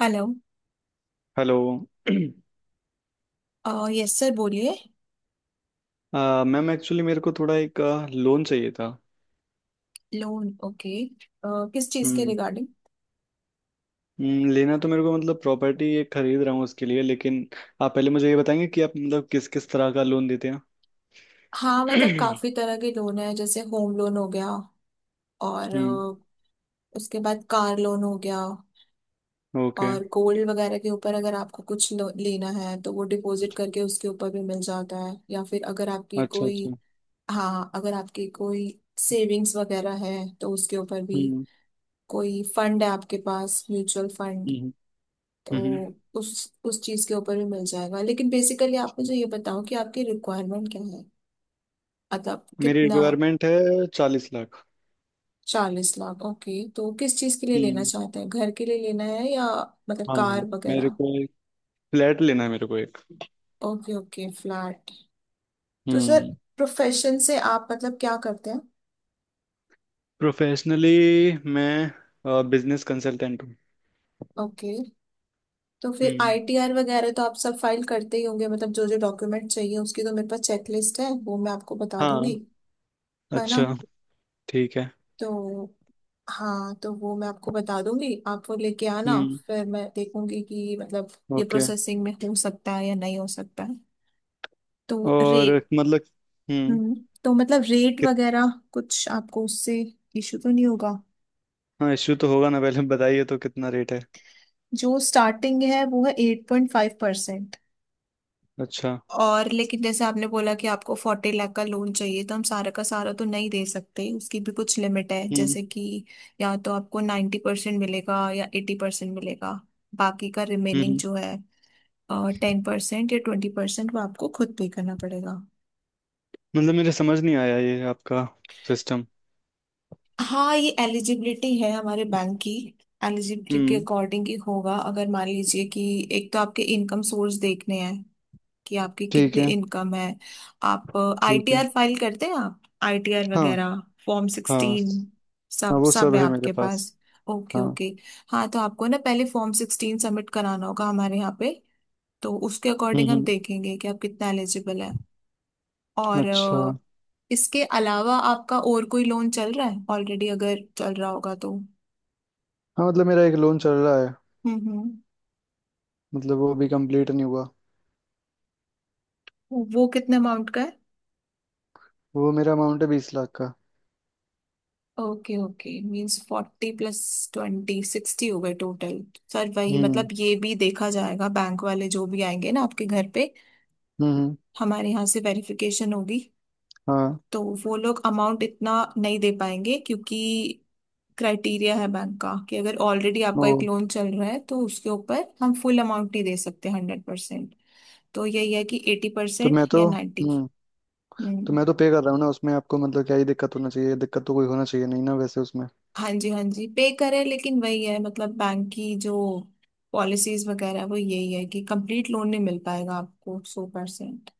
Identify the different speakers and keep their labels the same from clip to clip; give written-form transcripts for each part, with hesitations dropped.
Speaker 1: Hello.
Speaker 2: Hello.
Speaker 1: Yes sir बोलिए।
Speaker 2: Ma'am actually मेरे को थोड़ा एक लोन चाहिए था।
Speaker 1: लोन, ओके, किस चीज़ के
Speaker 2: हम्म
Speaker 1: रिगार्डिंग?
Speaker 2: लेना तो मेरे को मतलब प्रॉपर्टी ये खरीद रहा हूँ उसके लिए, लेकिन आप पहले मुझे ये बताएंगे कि आप मतलब किस किस तरह का लोन देते हैं?
Speaker 1: हाँ मतलब काफ़ी तरह के लोन है, जैसे होम लोन हो गया और
Speaker 2: हम्म।
Speaker 1: उसके बाद कार लोन हो गया,
Speaker 2: ओके।
Speaker 1: और गोल्ड वगैरह के ऊपर अगर आपको कुछ लेना है तो वो डिपॉजिट करके उसके ऊपर भी मिल जाता है, या फिर अगर आपकी
Speaker 2: अच्छा
Speaker 1: कोई।
Speaker 2: अच्छा।
Speaker 1: हाँ अगर आपकी कोई सेविंग्स वगैरह है तो उसके ऊपर भी,
Speaker 2: हम्म
Speaker 1: कोई फंड है आपके पास म्यूचुअल फंड,
Speaker 2: हम्म हम्म हम्म।
Speaker 1: तो उस चीज के ऊपर भी मिल जाएगा। लेकिन बेसिकली आप मुझे ये बताओ कि आपकी रिक्वायरमेंट क्या है, मतलब
Speaker 2: मेरी
Speaker 1: कितना?
Speaker 2: रिक्वायरमेंट है 40 लाख।
Speaker 1: 40 लाख, ओके। तो किस चीज के लिए लेना
Speaker 2: हम्म।
Speaker 1: चाहते हैं, घर के लिए लेना है या मतलब
Speaker 2: हाँ
Speaker 1: कार
Speaker 2: मेरे
Speaker 1: वगैरह?
Speaker 2: को एक फ्लैट लेना है, मेरे को एक।
Speaker 1: Okay okay flat. तो सर
Speaker 2: हम्म।
Speaker 1: प्रोफेशन से आप मतलब क्या करते हैं?
Speaker 2: प्रोफेशनली मैं बिजनेस कंसल्टेंट हूँ।
Speaker 1: ओके, तो फिर
Speaker 2: हम्म।
Speaker 1: आईटीआर वगैरह तो आप सब फाइल करते ही होंगे। मतलब जो जो डॉक्यूमेंट चाहिए उसकी तो मेरे पास चेकलिस्ट है, वो मैं आपको बता
Speaker 2: हाँ।
Speaker 1: दूंगी, है ना?
Speaker 2: अच्छा। ठीक है।
Speaker 1: तो हाँ तो वो मैं आपको बता दूंगी, आप वो लेके आना,
Speaker 2: हम्म।
Speaker 1: फिर मैं देखूंगी कि मतलब ये
Speaker 2: ओके।
Speaker 1: प्रोसेसिंग में हो सकता है या नहीं हो सकता है। तो रे
Speaker 2: और मतलब हम्म
Speaker 1: हम्म तो मतलब रेट
Speaker 2: कित
Speaker 1: वगैरह कुछ आपको उससे इशू तो नहीं होगा?
Speaker 2: हाँ, इश्यू तो होगा ना? पहले बताइए तो कितना रेट है?
Speaker 1: जो स्टार्टिंग है वो है 8.5%।
Speaker 2: अच्छा।
Speaker 1: और लेकिन जैसे आपने बोला कि आपको 40 लाख का लोन चाहिए, तो हम सारा का सारा तो नहीं दे सकते, उसकी भी कुछ लिमिट है,
Speaker 2: हम्म
Speaker 1: जैसे कि या तो आपको 90% मिलेगा या 80% मिलेगा। बाकी का
Speaker 2: हम्म
Speaker 1: रिमेनिंग
Speaker 2: हम्म,
Speaker 1: जो है 10% या 20% वो आपको खुद पे करना पड़ेगा।
Speaker 2: मतलब मेरे समझ नहीं आया ये आपका सिस्टम।
Speaker 1: हाँ ये एलिजिबिलिटी है हमारे बैंक की, एलिजिबिलिटी के
Speaker 2: हम्म।
Speaker 1: अकॉर्डिंग ही होगा। अगर मान लीजिए कि एक तो आपके इनकम सोर्स देखने हैं, कि आपकी
Speaker 2: ठीक
Speaker 1: कितनी
Speaker 2: है।
Speaker 1: इनकम है। आप
Speaker 2: ठीक है।
Speaker 1: आईटीआर फाइल करते हैं? आप आईटीआर
Speaker 2: हाँ।
Speaker 1: वगैरह फॉर्म
Speaker 2: हाँ।
Speaker 1: सिक्सटीन
Speaker 2: हाँ
Speaker 1: सब
Speaker 2: वो सब
Speaker 1: सब है
Speaker 2: है मेरे
Speaker 1: आपके
Speaker 2: पास।
Speaker 1: पास? ओके
Speaker 2: हाँ।
Speaker 1: ओके। हाँ तो आपको ना पहले फॉर्म 16 सबमिट कराना होगा हमारे यहाँ पे, तो उसके अकॉर्डिंग हम
Speaker 2: हम्म।
Speaker 1: देखेंगे कि आप कितना एलिजिबल है। और
Speaker 2: अच्छा।
Speaker 1: इसके अलावा आपका और कोई लोन चल रहा है ऑलरेडी? अगर चल रहा होगा तो।
Speaker 2: हाँ मतलब मेरा एक लोन चल रहा है।
Speaker 1: हम्म हम्म
Speaker 2: मतलब वो भी कंप्लीट नहीं हुआ।
Speaker 1: वो कितने अमाउंट का है?
Speaker 2: वो मेरा अमाउंट है 20 लाख का।
Speaker 1: ओके ओके, मीन्स 40 प्लस 20 60 हो गए टोटल। सर वही मतलब
Speaker 2: हम्म
Speaker 1: ये भी देखा जाएगा, बैंक वाले जो भी आएंगे ना आपके घर पे,
Speaker 2: हम्म हम्म,
Speaker 1: हमारे यहाँ से वेरिफिकेशन होगी,
Speaker 2: हाँ।
Speaker 1: तो वो लोग अमाउंट इतना नहीं दे पाएंगे, क्योंकि क्राइटेरिया है बैंक का कि अगर ऑलरेडी
Speaker 2: ओ।
Speaker 1: आपका एक लोन चल रहा है तो उसके ऊपर हम फुल अमाउंट नहीं दे सकते 100%। तो यही है कि एटी
Speaker 2: तो
Speaker 1: परसेंट
Speaker 2: मैं
Speaker 1: या
Speaker 2: तो
Speaker 1: 90।
Speaker 2: हम्म तो
Speaker 1: हम्म,
Speaker 2: मैं तो पे कर रहा हूँ ना उसमें, आपको मतलब क्या ही दिक्कत होना चाहिए? दिक्कत तो कोई होना चाहिए नहीं ना वैसे उसमें।
Speaker 1: हाँ जी हाँ जी पे करें, लेकिन वही है मतलब बैंक की जो पॉलिसीज वगैरह है, वो यही है कि कंप्लीट लोन नहीं मिल पाएगा आपको 100%।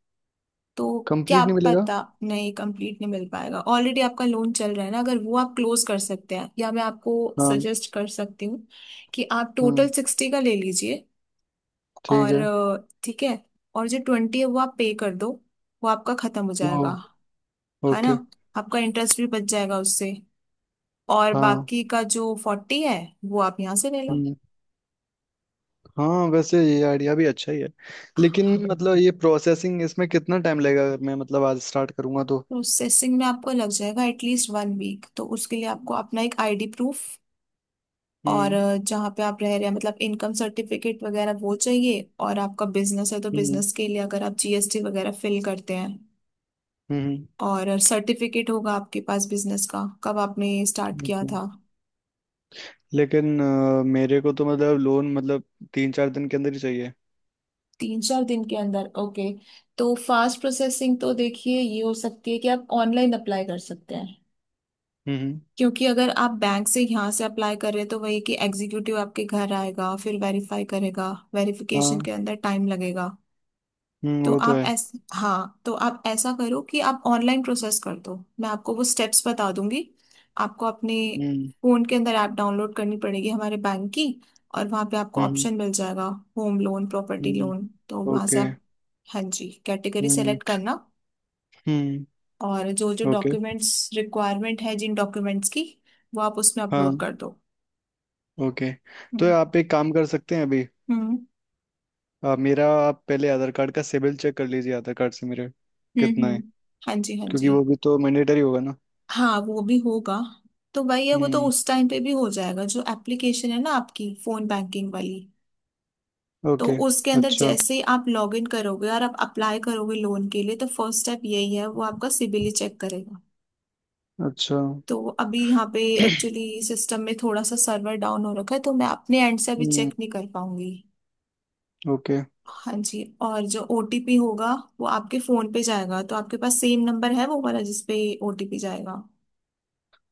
Speaker 1: तो क्या
Speaker 2: कंप्लीट नहीं मिलेगा?
Speaker 1: पता, नहीं कंप्लीट नहीं मिल पाएगा, ऑलरेडी आपका लोन चल रहा है ना। अगर वो आप क्लोज कर सकते हैं, या मैं आपको
Speaker 2: हाँ।
Speaker 1: सजेस्ट कर सकती हूँ कि आप
Speaker 2: हम्म।
Speaker 1: टोटल 60 का ले लीजिए,
Speaker 2: ठीक
Speaker 1: और
Speaker 2: है।
Speaker 1: ठीक है, और जो 20 है वो आप पे कर दो, वो आपका खत्म हो
Speaker 2: ओ।
Speaker 1: जाएगा, है ना?
Speaker 2: ओके।
Speaker 1: आपका इंटरेस्ट भी बच जाएगा उससे, और
Speaker 2: हाँ।
Speaker 1: बाकी का जो 40 है वो आप यहाँ से ले लो।
Speaker 2: हम्म। हाँ वैसे ये आइडिया भी अच्छा ही है, लेकिन मतलब ये प्रोसेसिंग इसमें कितना टाइम लगेगा अगर मैं मतलब आज स्टार्ट करूँगा तो?
Speaker 1: प्रोसेसिंग में आपको लग जाएगा एटलीस्ट वन वीक, तो उसके लिए आपको अपना एक आईडी प्रूफ और
Speaker 2: हम्म
Speaker 1: जहाँ पे आप रह रहे हैं मतलब इनकम सर्टिफिकेट वगैरह वो चाहिए, और आपका बिजनेस है तो
Speaker 2: हम्म
Speaker 1: बिजनेस के लिए अगर आप जीएसटी वगैरह फिल करते हैं,
Speaker 2: हम्म हम्म,
Speaker 1: और सर्टिफिकेट होगा आपके पास बिजनेस का, कब आपने स्टार्ट किया
Speaker 2: ओके।
Speaker 1: था।
Speaker 2: लेकिन मेरे को तो मतलब लोन मतलब 3-4 दिन के अंदर ही चाहिए।
Speaker 1: 3-4 दिन के अंदर, ओके। तो फास्ट प्रोसेसिंग तो देखिए ये हो सकती है कि आप ऑनलाइन अप्लाई कर सकते हैं,
Speaker 2: हम्म हम्म।
Speaker 1: क्योंकि अगर आप बैंक से यहाँ से अप्लाई कर रहे हैं तो वही कि एग्जीक्यूटिव आपके घर आएगा, फिर वेरीफाई करेगा, वेरिफिकेशन
Speaker 2: हाँ।
Speaker 1: के अंदर टाइम लगेगा। तो
Speaker 2: वो तो
Speaker 1: आप
Speaker 2: है।
Speaker 1: ऐस हाँ तो आप ऐसा करो कि आप ऑनलाइन प्रोसेस कर दो, मैं आपको वो स्टेप्स बता दूंगी। आपको अपने
Speaker 2: हम्म
Speaker 1: फोन के अंदर ऐप डाउनलोड करनी पड़ेगी हमारे बैंक की, और वहाँ पे आपको
Speaker 2: हम्म।
Speaker 1: ऑप्शन मिल जाएगा होम लोन प्रॉपर्टी
Speaker 2: हम्म।
Speaker 1: लोन, तो वहाँ से
Speaker 2: ओके।
Speaker 1: आप हाँ जी कैटेगरी
Speaker 2: हम्म
Speaker 1: सेलेक्ट करना,
Speaker 2: हम्म।
Speaker 1: और जो जो
Speaker 2: ओके।
Speaker 1: डॉक्यूमेंट्स रिक्वायरमेंट है, जिन डॉक्यूमेंट्स की, वो आप उसमें
Speaker 2: हाँ।
Speaker 1: अपलोड कर दो।
Speaker 2: ओके। तो आप एक काम कर सकते हैं अभी।
Speaker 1: हम्म
Speaker 2: मेरा आप पहले आधार कार्ड का सिबिल चेक कर लीजिए, आधार कार्ड से मेरे कितना
Speaker 1: हम्म,
Speaker 2: है?
Speaker 1: हाँ जी हाँ
Speaker 2: क्योंकि
Speaker 1: जी।
Speaker 2: वो भी तो मैंडेटरी होगा ना।
Speaker 1: हाँ वो भी होगा, तो भैया वो तो
Speaker 2: हम्म।
Speaker 1: उस टाइम पे भी हो जाएगा, जो एप्लीकेशन है ना आपकी फोन बैंकिंग वाली, तो
Speaker 2: ओके।
Speaker 1: उसके अंदर
Speaker 2: अच्छा।
Speaker 1: जैसे ही आप लॉग इन करोगे और आप अप्लाई करोगे लोन के लिए तो फर्स्ट स्टेप यही है, वो आपका सिबिल चेक करेगा।
Speaker 2: अच्छा।
Speaker 1: तो अभी यहाँ पे एक्चुअली सिस्टम में थोड़ा सा सर्वर डाउन हो रखा है, तो मैं अपने एंड से अभी
Speaker 2: हम्म।
Speaker 1: चेक नहीं कर पाऊंगी।
Speaker 2: ओके।
Speaker 1: हाँ जी, और जो ओटीपी होगा वो आपके फोन पे जाएगा, तो आपके पास सेम नंबर है वो वाला जिसपे ओटीपी जाएगा,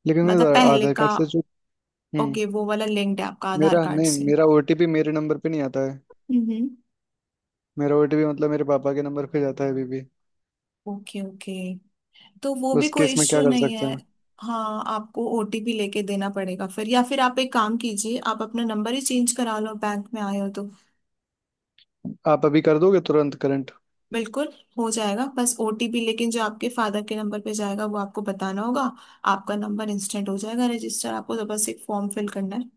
Speaker 2: लेकिन
Speaker 1: मतलब
Speaker 2: मेरा
Speaker 1: पहले
Speaker 2: आधार
Speaker 1: का?
Speaker 2: कार्ड से जो हम्म
Speaker 1: ओके, वो वाला लिंक्ड है आपका आधार
Speaker 2: मेरा
Speaker 1: कार्ड
Speaker 2: नहीं,
Speaker 1: से।
Speaker 2: मेरा ओटीपी मेरे नंबर पे नहीं आता है।
Speaker 1: हम्म,
Speaker 2: मेरा ओटीपी मतलब मेरे पापा के नंबर पे जाता है अभी भी।
Speaker 1: ओके ओके, तो वो भी
Speaker 2: उस
Speaker 1: कोई
Speaker 2: केस में
Speaker 1: इश्यू
Speaker 2: क्या कर
Speaker 1: नहीं
Speaker 2: सकते
Speaker 1: है।
Speaker 2: हैं?
Speaker 1: हाँ आपको ओटीपी लेके देना पड़ेगा फिर, या फिर आप एक काम कीजिए, आप अपना नंबर ही चेंज करा लो, बैंक में आए हो तो।
Speaker 2: आप अभी कर दोगे तुरंत करंट?
Speaker 1: बिल्कुल, हो जाएगा, बस ओटीपी लेकिन जो आपके फादर के नंबर पे जाएगा वो आपको बताना होगा। आपका नंबर इंस्टेंट हो जाएगा रजिस्टर, आपको तो बस एक फॉर्म फिल करना है।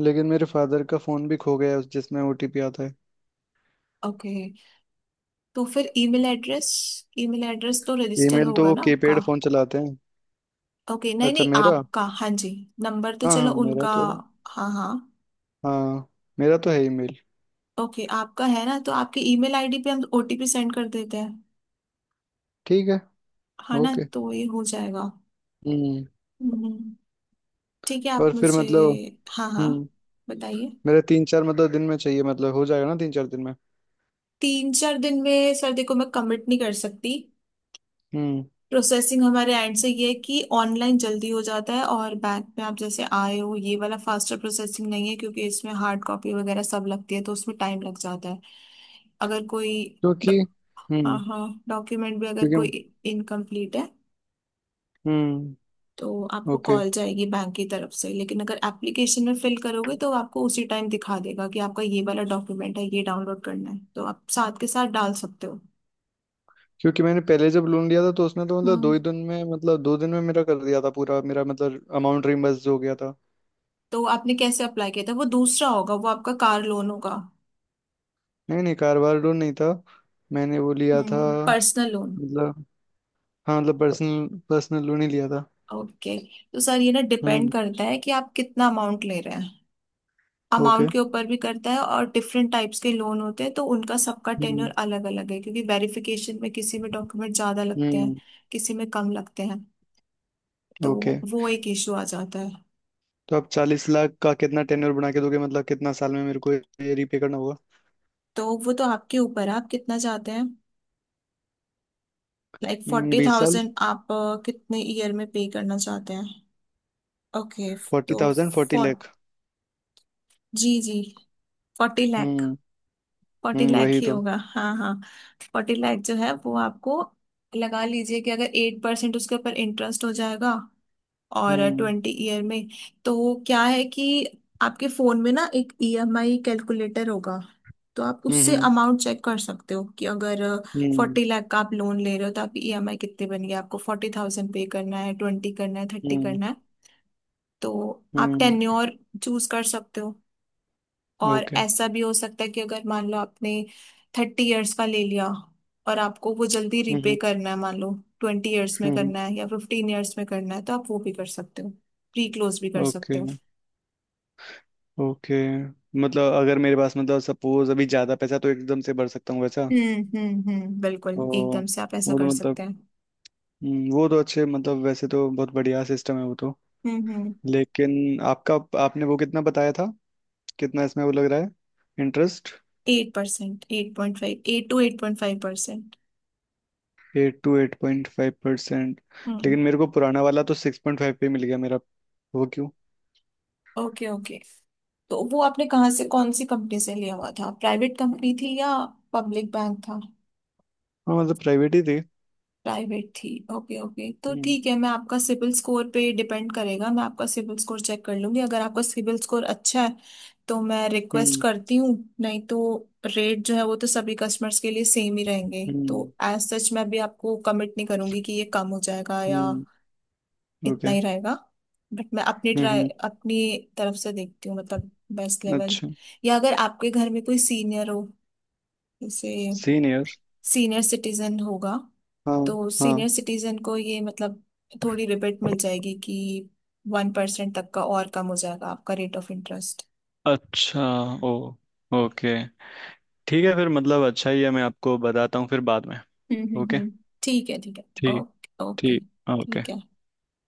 Speaker 2: लेकिन मेरे फादर का फोन भी खो गया है उस जिसमें ओटीपी आता है।
Speaker 1: ओके, तो फिर ईमेल एड्रेस, ईमेल एड्रेस तो रजिस्टर
Speaker 2: ईमेल तो
Speaker 1: होगा
Speaker 2: वो
Speaker 1: ना
Speaker 2: कीपैड
Speaker 1: आपका?
Speaker 2: फोन चलाते हैं।
Speaker 1: ओके, नहीं
Speaker 2: अच्छा
Speaker 1: नहीं,
Speaker 2: मेरा।
Speaker 1: आपका हाँ जी नंबर तो
Speaker 2: हाँ
Speaker 1: चलो
Speaker 2: हाँ मेरा
Speaker 1: उनका
Speaker 2: तो।
Speaker 1: हाँ हाँ।
Speaker 2: हाँ मेरा तो है ही मेल।
Speaker 1: ओके आपका है ना, तो आपकी ईमेल आईडी पे हम ओटीपी सेंड कर देते हैं,
Speaker 2: ठीक है।
Speaker 1: हाँ ना,
Speaker 2: ओके।
Speaker 1: तो ये हो जाएगा।
Speaker 2: हम्म।
Speaker 1: हम्म, ठीक है, आप
Speaker 2: और फिर
Speaker 1: मुझे
Speaker 2: मतलब
Speaker 1: हाँ हाँ
Speaker 2: हम्म
Speaker 1: बताइए।
Speaker 2: मेरे तीन चार मतलब दिन में चाहिए, मतलब हो जाएगा ना 3-4 दिन में?
Speaker 1: 3-4 दिन में सर, देखो मैं कमिट नहीं कर सकती,
Speaker 2: हम्म।
Speaker 1: प्रोसेसिंग हमारे एंड से ये है कि ऑनलाइन जल्दी हो जाता है, और बैंक में आप जैसे आए हो ये वाला फास्टर प्रोसेसिंग नहीं है, क्योंकि इसमें हार्ड कॉपी वगैरह सब लगती है तो उसमें टाइम लग जाता है। अगर कोई,
Speaker 2: क्योंकि
Speaker 1: हाँ
Speaker 2: हम्म
Speaker 1: हाँ, डॉक्यूमेंट भी अगर
Speaker 2: क्योंकि
Speaker 1: कोई इनकम्प्लीट है
Speaker 2: हम्म
Speaker 1: तो आपको
Speaker 2: ओके
Speaker 1: कॉल जाएगी बैंक की तरफ से, लेकिन अगर एप्लीकेशन में फिल करोगे तो आपको उसी टाइम दिखा देगा कि आपका ये वाला डॉक्यूमेंट है, ये डाउनलोड करना है, तो आप साथ के साथ डाल सकते हो।
Speaker 2: क्योंकि मैंने पहले जब लोन लिया था तो उसने तो मतलब दो
Speaker 1: हम्म,
Speaker 2: ही दिन में, मतलब 2 दिन में मेरा कर दिया था पूरा, मेरा मतलब अमाउंट रिम्बर्स हो गया था।
Speaker 1: तो आपने कैसे अप्लाई किया था? वो दूसरा होगा, वो आपका कार लोन होगा।
Speaker 2: नहीं नहीं कारोबार लोन नहीं था, मैंने वो लिया था
Speaker 1: हम्म, पर्सनल लोन,
Speaker 2: मतलब, हाँ मतलब पर्सनल पर्सनल लोन ही लिया था।
Speaker 1: ओके। तो सर ये ना डिपेंड
Speaker 2: हम्म।
Speaker 1: करता है कि आप कितना अमाउंट ले रहे हैं, अमाउंट
Speaker 2: ओके।
Speaker 1: के ऊपर भी करता है, और डिफरेंट टाइप्स के लोन होते हैं तो उनका सबका
Speaker 2: हम्म
Speaker 1: टेन्योर अलग अलग है, क्योंकि वेरिफिकेशन में किसी में डॉक्यूमेंट ज्यादा लगते हैं,
Speaker 2: हम्म।
Speaker 1: किसी में कम लगते हैं, तो
Speaker 2: ओके,
Speaker 1: वो एक इशू आ जाता है।
Speaker 2: तो आप 40 लाख का कितना टेन्योर बना के दोगे, मतलब कितना साल में मेरे को ये रीपे करना होगा?
Speaker 1: तो वो तो आपके ऊपर है, आप कितना चाहते हैं, लाइक फोर्टी
Speaker 2: 20 साल।
Speaker 1: थाउजेंड आप कितने ईयर में पे करना चाहते हैं? ओके,
Speaker 2: फोर्टी
Speaker 1: तो
Speaker 2: थाउजेंड फोर्टी
Speaker 1: फोर
Speaker 2: लाख
Speaker 1: जी जी, 40 लाख,
Speaker 2: हम्म।
Speaker 1: फोर्टी लाख
Speaker 2: वही
Speaker 1: ही
Speaker 2: तो।
Speaker 1: होगा, हाँ हाँ। 40 लाख जो है वो आपको लगा लीजिए कि अगर 8% उसके ऊपर इंटरेस्ट हो जाएगा, और
Speaker 2: हम्म
Speaker 1: 20 ईयर में, तो क्या है कि आपके फोन में ना एक ईएमआई कैलकुलेटर होगा, तो आप उससे
Speaker 2: हम्म
Speaker 1: अमाउंट चेक कर सकते हो कि अगर
Speaker 2: हम्म
Speaker 1: 40 लाख का आप लोन ले रहे हो तो आपकी ईएमआई कितनी बन गई, आपको 40,000 पे करना है, 20 करना है, 30
Speaker 2: हम्म
Speaker 1: करना है। तो आप
Speaker 2: हम्म।
Speaker 1: टेन्योर चूज कर सकते हो, और
Speaker 2: ओके।
Speaker 1: ऐसा भी हो सकता है कि अगर मान लो आपने 30 इयर्स का ले लिया और आपको वो जल्दी रिपे
Speaker 2: हम्म
Speaker 1: करना है, मान लो 20 इयर्स में
Speaker 2: हम्म।
Speaker 1: करना है या 15 इयर्स में करना है, तो आप वो भी कर सकते हो, प्री क्लोज भी कर सकते
Speaker 2: ओके
Speaker 1: हो।
Speaker 2: ओके, मतलब अगर मेरे पास मतलब सपोज अभी ज्यादा पैसा तो एकदम से भर सकता हूँ वैसा?
Speaker 1: हम्म,
Speaker 2: ओ।
Speaker 1: बिल्कुल एकदम से आप ऐसा
Speaker 2: वो तो
Speaker 1: कर
Speaker 2: मतलब
Speaker 1: सकते हैं।
Speaker 2: वो तो अच्छे मतलब वैसे तो बहुत बढ़िया सिस्टम है वो तो।
Speaker 1: हम्म,
Speaker 2: लेकिन आपका, आपने वो कितना बताया था, कितना इसमें वो लग रहा है interest?
Speaker 1: Eight percent, 8.5, 8 to 8.5%।
Speaker 2: 8 to 8.5%?
Speaker 1: हम्म,
Speaker 2: लेकिन मेरे को पुराना वाला तो 6.5 पे मिल गया मेरा, वो क्यों?
Speaker 1: ओके ओके, तो वो आपने कहाँ से कौन सी कंपनी से लिया हुआ था, प्राइवेट कंपनी थी या पब्लिक बैंक था?
Speaker 2: हाँ मतलब प्राइवेट ही थे।
Speaker 1: प्राइवेट थी, ओके ओके, तो
Speaker 2: हम्म
Speaker 1: ठीक है। मैं आपका सिबिल स्कोर पे डिपेंड करेगा, मैं आपका सिबिल स्कोर चेक कर लूंगी, अगर आपका सिबिल स्कोर अच्छा है तो मैं रिक्वेस्ट
Speaker 2: हम्म
Speaker 1: करती हूँ, नहीं तो रेट जो है वो तो सभी कस्टमर्स के लिए सेम ही रहेंगे, तो
Speaker 2: हम्म
Speaker 1: एज सच मैं भी आपको कमिट नहीं करूंगी कि ये कम हो जाएगा या
Speaker 2: हम्म।
Speaker 1: इतना
Speaker 2: ओके।
Speaker 1: ही रहेगा। बट मैं
Speaker 2: हम्म।
Speaker 1: अपनी तरफ से देखती हूँ, मतलब बेस्ट लेवल,
Speaker 2: अच्छा।
Speaker 1: या अगर आपके घर में कोई सीनियर हो, जैसे
Speaker 2: सीनियर?
Speaker 1: सीनियर सिटीजन होगा
Speaker 2: हाँ।
Speaker 1: तो सीनियर
Speaker 2: हाँ।
Speaker 1: सिटीजन को ये मतलब थोड़ी रिबेट मिल जाएगी कि 1% तक का और कम हो जाएगा आपका रेट ऑफ इंटरेस्ट।
Speaker 2: अच्छा। ओ। ओके। ठीक है, फिर मतलब अच्छा ही है, मैं आपको बताता हूँ फिर बाद में। ओके।
Speaker 1: हम्म, ठीक है ठीक है,
Speaker 2: ठीक।
Speaker 1: ओके ओके,
Speaker 2: ठीक। ओके।
Speaker 1: ठीक है।